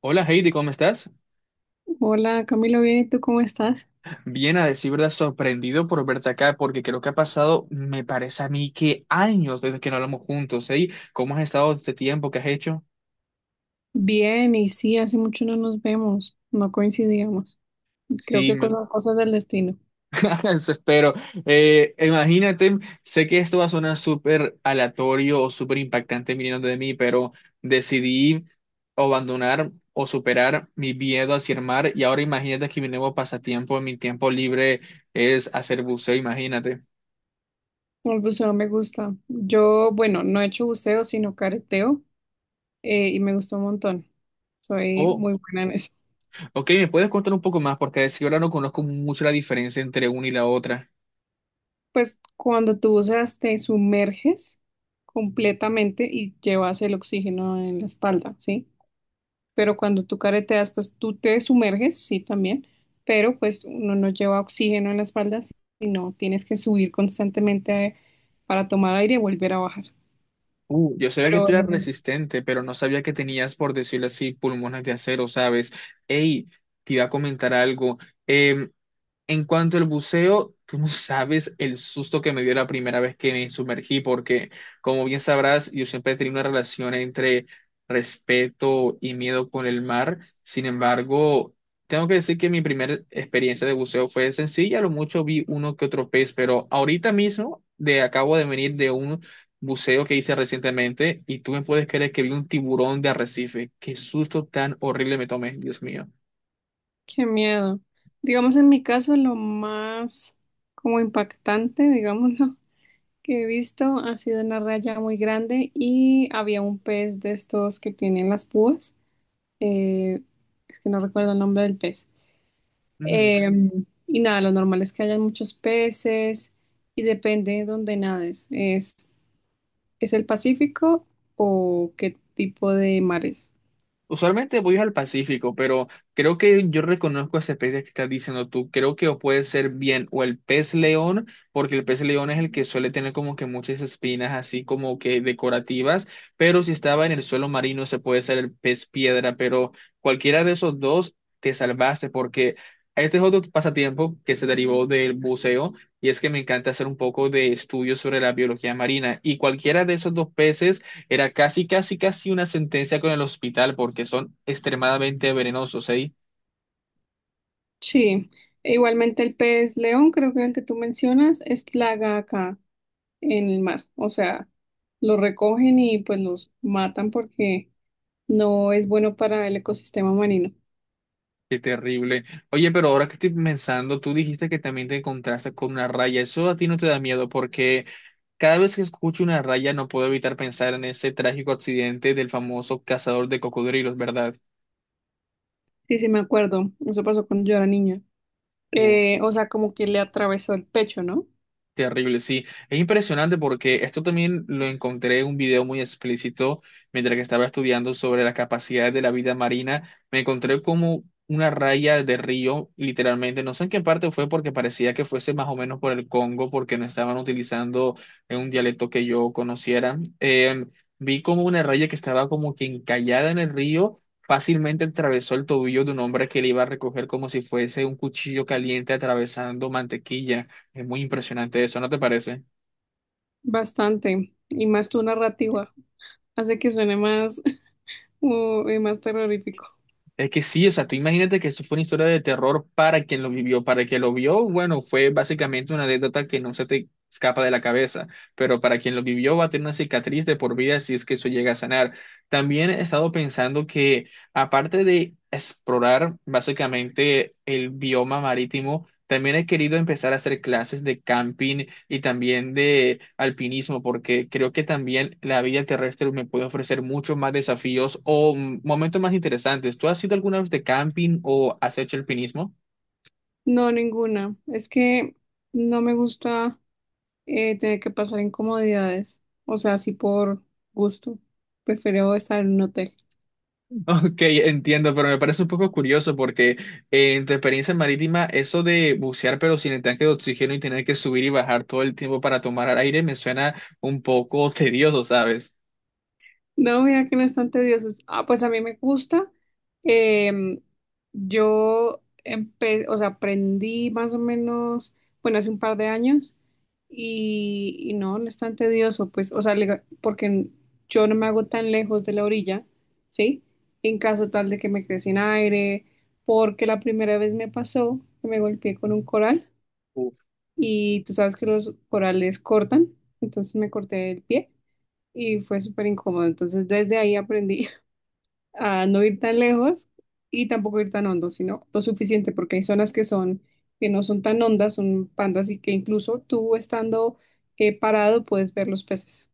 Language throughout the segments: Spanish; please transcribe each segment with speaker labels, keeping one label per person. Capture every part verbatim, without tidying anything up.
Speaker 1: Hola Heidi, ¿cómo estás?
Speaker 2: Hola, Camilo, bien, ¿y tú cómo estás?
Speaker 1: Bien, a decir verdad, sorprendido por verte acá porque creo que ha pasado, me parece a mí que años desde que no hablamos juntos, ¿eh? ¿Cómo has estado este tiempo que has hecho?
Speaker 2: Bien, y sí, hace mucho no nos vemos, no coincidíamos. Creo
Speaker 1: Sí,
Speaker 2: que con
Speaker 1: me...
Speaker 2: las cosas del destino.
Speaker 1: eso espero. Eh, imagínate, sé que esto va a sonar súper aleatorio o súper impactante viniendo de mí, pero decidí abandonar o superar mi miedo hacia el mar y ahora imagínate que mi nuevo pasatiempo en mi tiempo libre es hacer buceo, imagínate.
Speaker 2: El buceo me gusta. Yo, bueno, no he hecho buceo, sino careteo, eh, y me gustó un montón. Soy
Speaker 1: Oh.
Speaker 2: muy buena en eso.
Speaker 1: Ok, ¿me puedes contar un poco más? Porque si ahora no conozco mucho la diferencia entre una y la otra.
Speaker 2: Pues cuando tú buceas, te sumerges completamente y llevas el oxígeno en la espalda, ¿sí? Pero cuando tú careteas, pues tú te sumerges, sí, también, pero pues uno no lleva oxígeno en la espalda, sino tienes que subir constantemente eh, para tomar aire y volver a bajar.
Speaker 1: Uh, yo sabía que
Speaker 2: Pero
Speaker 1: tú eras
Speaker 2: ujú.
Speaker 1: resistente, pero no sabía que tenías, por decirlo así, pulmones de acero, ¿sabes? Ey, te iba a comentar algo. Em, En cuanto al buceo, tú no sabes el susto que me dio la primera vez que me sumergí, porque como bien sabrás, yo siempre he tenido una relación entre respeto y miedo con el mar. Sin embargo, tengo que decir que mi primera experiencia de buceo fue sencilla, a lo mucho vi uno que otro pez, pero ahorita mismo de, acabo de venir de un buceo que hice recientemente y tú me puedes creer que vi un tiburón de arrecife. Qué susto tan horrible me tomé, Dios mío.
Speaker 2: Qué miedo. Digamos, en mi caso, lo más como impactante, digámoslo, que he visto ha sido una raya muy grande y había un pez de estos que tienen las púas. eh, es que no recuerdo el nombre del pez.
Speaker 1: Ujú.
Speaker 2: Eh, y nada, lo normal es que hayan muchos peces y depende de dónde nades. ¿Es, ¿es el Pacífico o qué tipo de mares?
Speaker 1: Usualmente voy al Pacífico, pero creo que yo reconozco ese pez que estás diciendo tú. Creo que o puede ser bien o el pez león, porque el pez león es el que suele tener como que muchas espinas así como que decorativas, pero si estaba en el suelo marino se puede ser el pez piedra, pero cualquiera de esos dos te salvaste porque este es otro pasatiempo que se derivó del buceo y es que me encanta hacer un poco de estudio sobre la biología marina y cualquiera de esos dos peces era casi, casi, casi una sentencia con el hospital porque son extremadamente venenosos, ¿eh?
Speaker 2: Sí, e igualmente el pez león, creo que el que tú mencionas, es plaga acá en el mar. O sea, los recogen y pues los matan porque no es bueno para el ecosistema marino.
Speaker 1: Qué terrible. Oye, pero ahora que estoy pensando, tú dijiste que también te encontraste con una raya. Eso a ti no te da miedo porque cada vez que escucho una raya no puedo evitar pensar en ese trágico accidente del famoso cazador de cocodrilos, ¿verdad?
Speaker 2: Sí, sí, me acuerdo. Eso pasó cuando yo era niña.
Speaker 1: Uf.
Speaker 2: Eh, o sea, como que le atravesó el pecho, ¿no?
Speaker 1: Terrible, sí. Es impresionante porque esto también lo encontré en un video muy explícito mientras que estaba estudiando sobre las capacidades de la vida marina. Me encontré como una raya de río, literalmente. No sé en qué parte fue porque parecía que fuese más o menos por el Congo porque no estaban utilizando eh, un dialecto que yo conociera. Eh, vi como una raya que estaba como que encallada en el río. Fácilmente atravesó el tobillo de un hombre que le iba a recoger como si fuese un cuchillo caliente atravesando mantequilla. Es muy impresionante eso, ¿no te parece?
Speaker 2: Bastante, y más tu narrativa, hace que suene más, uh, eh, más terrorífico.
Speaker 1: Es que sí, o sea, tú imagínate que eso fue una historia de terror para quien lo vivió, para quien lo vio, bueno, fue básicamente una anécdota que no se te escapa de la cabeza, pero para quien lo vivió va a tener una cicatriz de por vida si es que eso llega a sanar. También he estado pensando que aparte de explorar básicamente el bioma marítimo, también he querido empezar a hacer clases de camping y también de alpinismo, porque creo que también la vida terrestre me puede ofrecer muchos más desafíos o mm, momentos más interesantes. ¿Tú has ido alguna vez de camping o has hecho alpinismo?
Speaker 2: No, ninguna. Es que no me gusta eh, tener que pasar incomodidades, o sea, así por gusto. Prefiero estar en un hotel.
Speaker 1: Ok, entiendo, pero me parece un poco curioso porque eh, en tu experiencia marítima, eso de bucear pero sin el tanque de oxígeno y tener que subir y bajar todo el tiempo para tomar aire me suena un poco tedioso, ¿sabes?
Speaker 2: No, mira que no es tan tedioso. Ah, pues a mí me gusta. Em, yo empe- o sea, aprendí más o menos, bueno, hace un par de años y, y no, no es tan tedioso, pues, o sea, le- porque yo no me hago tan lejos de la orilla, ¿sí? En caso tal de que me quede sin aire, porque la primera vez me pasó que me golpeé con un coral y tú sabes que los corales cortan, entonces me corté el pie y fue súper incómodo. Entonces, desde ahí aprendí a no ir tan lejos y tampoco ir tan hondo, sino lo suficiente, porque hay zonas que son, que no son tan hondas, son pandas y que incluso tú estando eh, parado puedes ver los peces.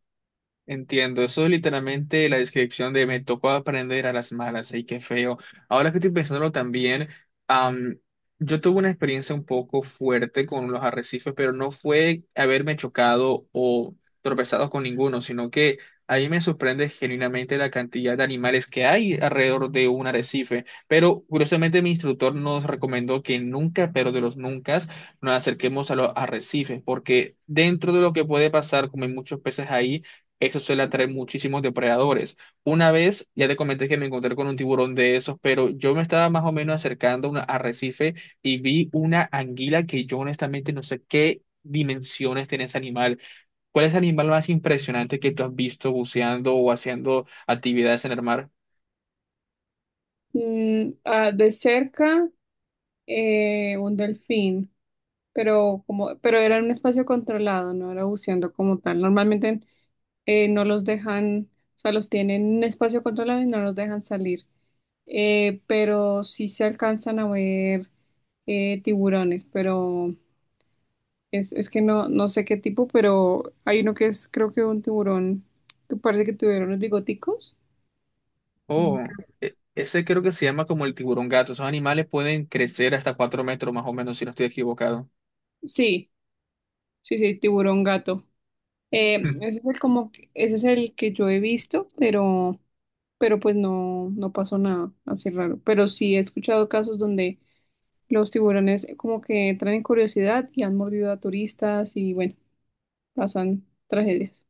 Speaker 1: Entiendo, eso es literalmente la descripción de me tocó aprender a las malas, y qué feo. Ahora que estoy pensándolo también, am, yo tuve una experiencia un poco fuerte con los arrecifes, pero no fue haberme chocado o tropezado con ninguno, sino que a mí me sorprende genuinamente la cantidad de animales que hay alrededor de un arrecife. Pero curiosamente mi instructor nos recomendó que nunca, pero de los nunca, nos acerquemos a los arrecifes, porque dentro de lo que puede pasar, como hay muchos peces ahí, eso suele atraer muchísimos depredadores. Una vez, ya te comenté que me encontré con un tiburón de esos, pero yo me estaba más o menos acercando a un arrecife y vi una anguila que yo honestamente no sé qué dimensiones tiene ese animal. ¿Cuál es el animal más impresionante que tú has visto buceando o haciendo actividades en el mar?
Speaker 2: Mm, ah, de cerca, eh, un delfín, pero como, pero era en un espacio controlado, no era buceando como tal. Normalmente eh, no los dejan, o sea, los tienen en un espacio controlado y no los dejan salir. Eh, pero sí se alcanzan a ver eh, tiburones, pero es, es que no, no sé qué tipo, pero hay uno que es, creo que un tiburón que parece que tuvieron unos bigoticos.
Speaker 1: Oh,
Speaker 2: Mm.
Speaker 1: e- ese creo que se llama como el tiburón gato. Esos animales pueden crecer hasta cuatro metros más o menos, si no estoy equivocado.
Speaker 2: Sí, sí, sí, tiburón gato. Eh, ese es el como, que- ese es el que yo he visto, pero, pero pues no, no pasó nada así raro. Pero sí he escuchado casos donde los tiburones como que traen curiosidad y han mordido a turistas y bueno, pasan tragedias.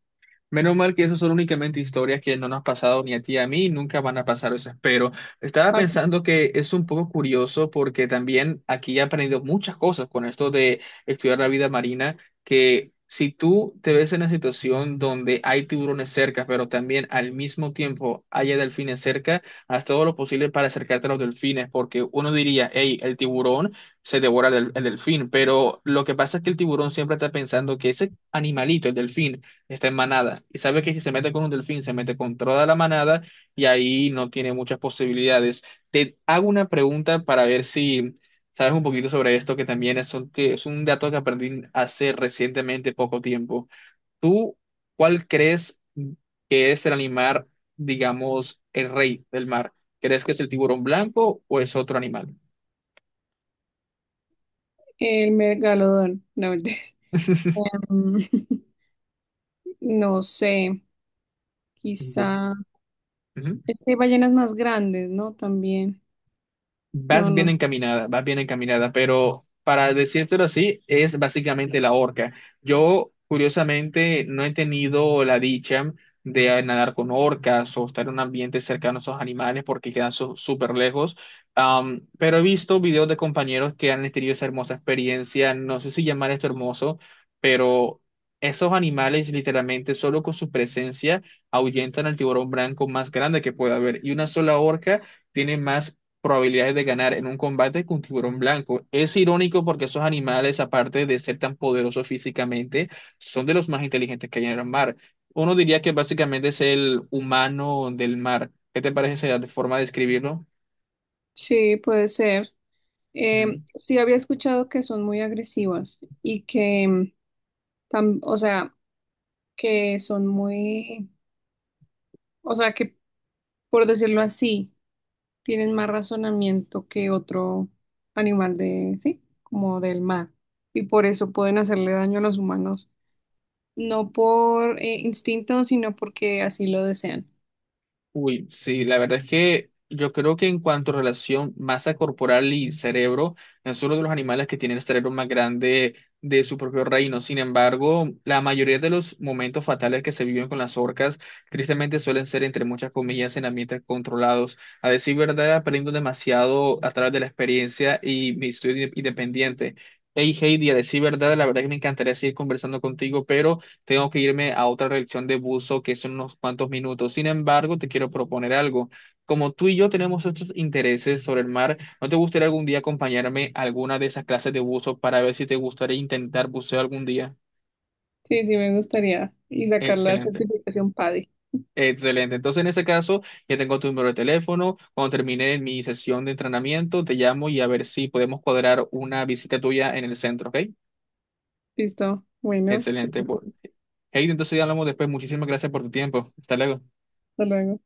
Speaker 1: Menos mal que eso son únicamente historias que no nos han pasado ni a ti ni a mí, nunca van a pasar, eso espero. Estaba pensando que es un poco curioso porque también aquí he aprendido muchas cosas con esto de estudiar la vida marina, que si tú te ves en una situación donde hay tiburones cerca, pero también al mismo tiempo haya delfines cerca, haz todo lo posible para acercarte a los delfines, porque uno diría, hey, el tiburón se devora el, el delfín, pero lo que pasa es que el tiburón siempre está pensando que ese animalito, el delfín, está en manada. Y sabe que si se mete con un delfín, se mete con toda la manada y ahí no tiene muchas posibilidades. Te hago una pregunta para ver si sabes un poquito sobre esto, que también es un, que es un dato que aprendí hace recientemente poco tiempo. ¿Tú cuál crees que es el animal, digamos, el rey del mar? ¿Crees que es el tiburón blanco o es otro animal?
Speaker 2: El megalodón, no mentira. Em, no sé, quizá.
Speaker 1: Ujú.
Speaker 2: Es que hay ballenas más grandes, ¿no? También. No,
Speaker 1: Vas bien
Speaker 2: no.
Speaker 1: encaminada, vas bien encaminada, pero para decírtelo así, es básicamente la orca. Yo, curiosamente, no he tenido la dicha de nadar con orcas o estar en un ambiente cercano a esos animales porque quedan su- súper lejos. Am, pero he visto videos de compañeros que han tenido esa hermosa experiencia. No sé si llamar esto hermoso, pero esos animales, literalmente, solo con su presencia, ahuyentan al tiburón blanco más grande que pueda haber. Y una sola orca tiene más probabilidades de ganar en un combate que un tiburón blanco. Es irónico porque esos animales, aparte de ser tan poderosos físicamente, son de los más inteligentes que hay en el mar. Uno diría que básicamente es el humano del mar. ¿Qué te parece esa forma de describirlo?
Speaker 2: Sí, puede ser. Em, sí, había escuchado que son muy agresivas y que, em, tam- o sea, que son muy, o sea, que por decirlo así, tienen más razonamiento que otro animal de, sí, como del mar. Y por eso pueden hacerle daño a los humanos, no por eh, instinto, sino porque así lo desean.
Speaker 1: Uy, sí, la verdad es que yo creo que en cuanto a relación masa corporal y cerebro, no es uno de los animales que tiene el cerebro más grande de su propio reino. Sin embargo, la mayoría de los momentos fatales que se viven con las orcas, tristemente suelen ser, entre muchas comillas, en ambientes controlados. A decir verdad, aprendo demasiado a través de la experiencia y mi estudio independiente. Hey Heidi, a decir verdad, la verdad que me encantaría seguir conversando contigo, pero... tengo que irme a otra reacción de buzo que son unos cuantos minutos. Sin embargo, te quiero proponer algo. Como tú y yo tenemos estos intereses sobre el mar, ¿no te gustaría algún día acompañarme a alguna de esas clases de buzo para ver si te gustaría intentar buceo algún día?
Speaker 2: Sí, sí, me gustaría. Y sacar la
Speaker 1: Excelente.
Speaker 2: certificación PADI.
Speaker 1: Excelente. Entonces, en ese caso, ya tengo tu número de teléfono. Cuando termine mi sesión de entrenamiento, te llamo y a ver si podemos cuadrar una visita tuya en el centro, ¿ok?
Speaker 2: Listo. Bueno, que estés
Speaker 1: Excelente. Bu-
Speaker 2: bien.
Speaker 1: Hey, entonces ya hablamos después. Muchísimas gracias por tu tiempo. Hasta luego.
Speaker 2: Hasta luego.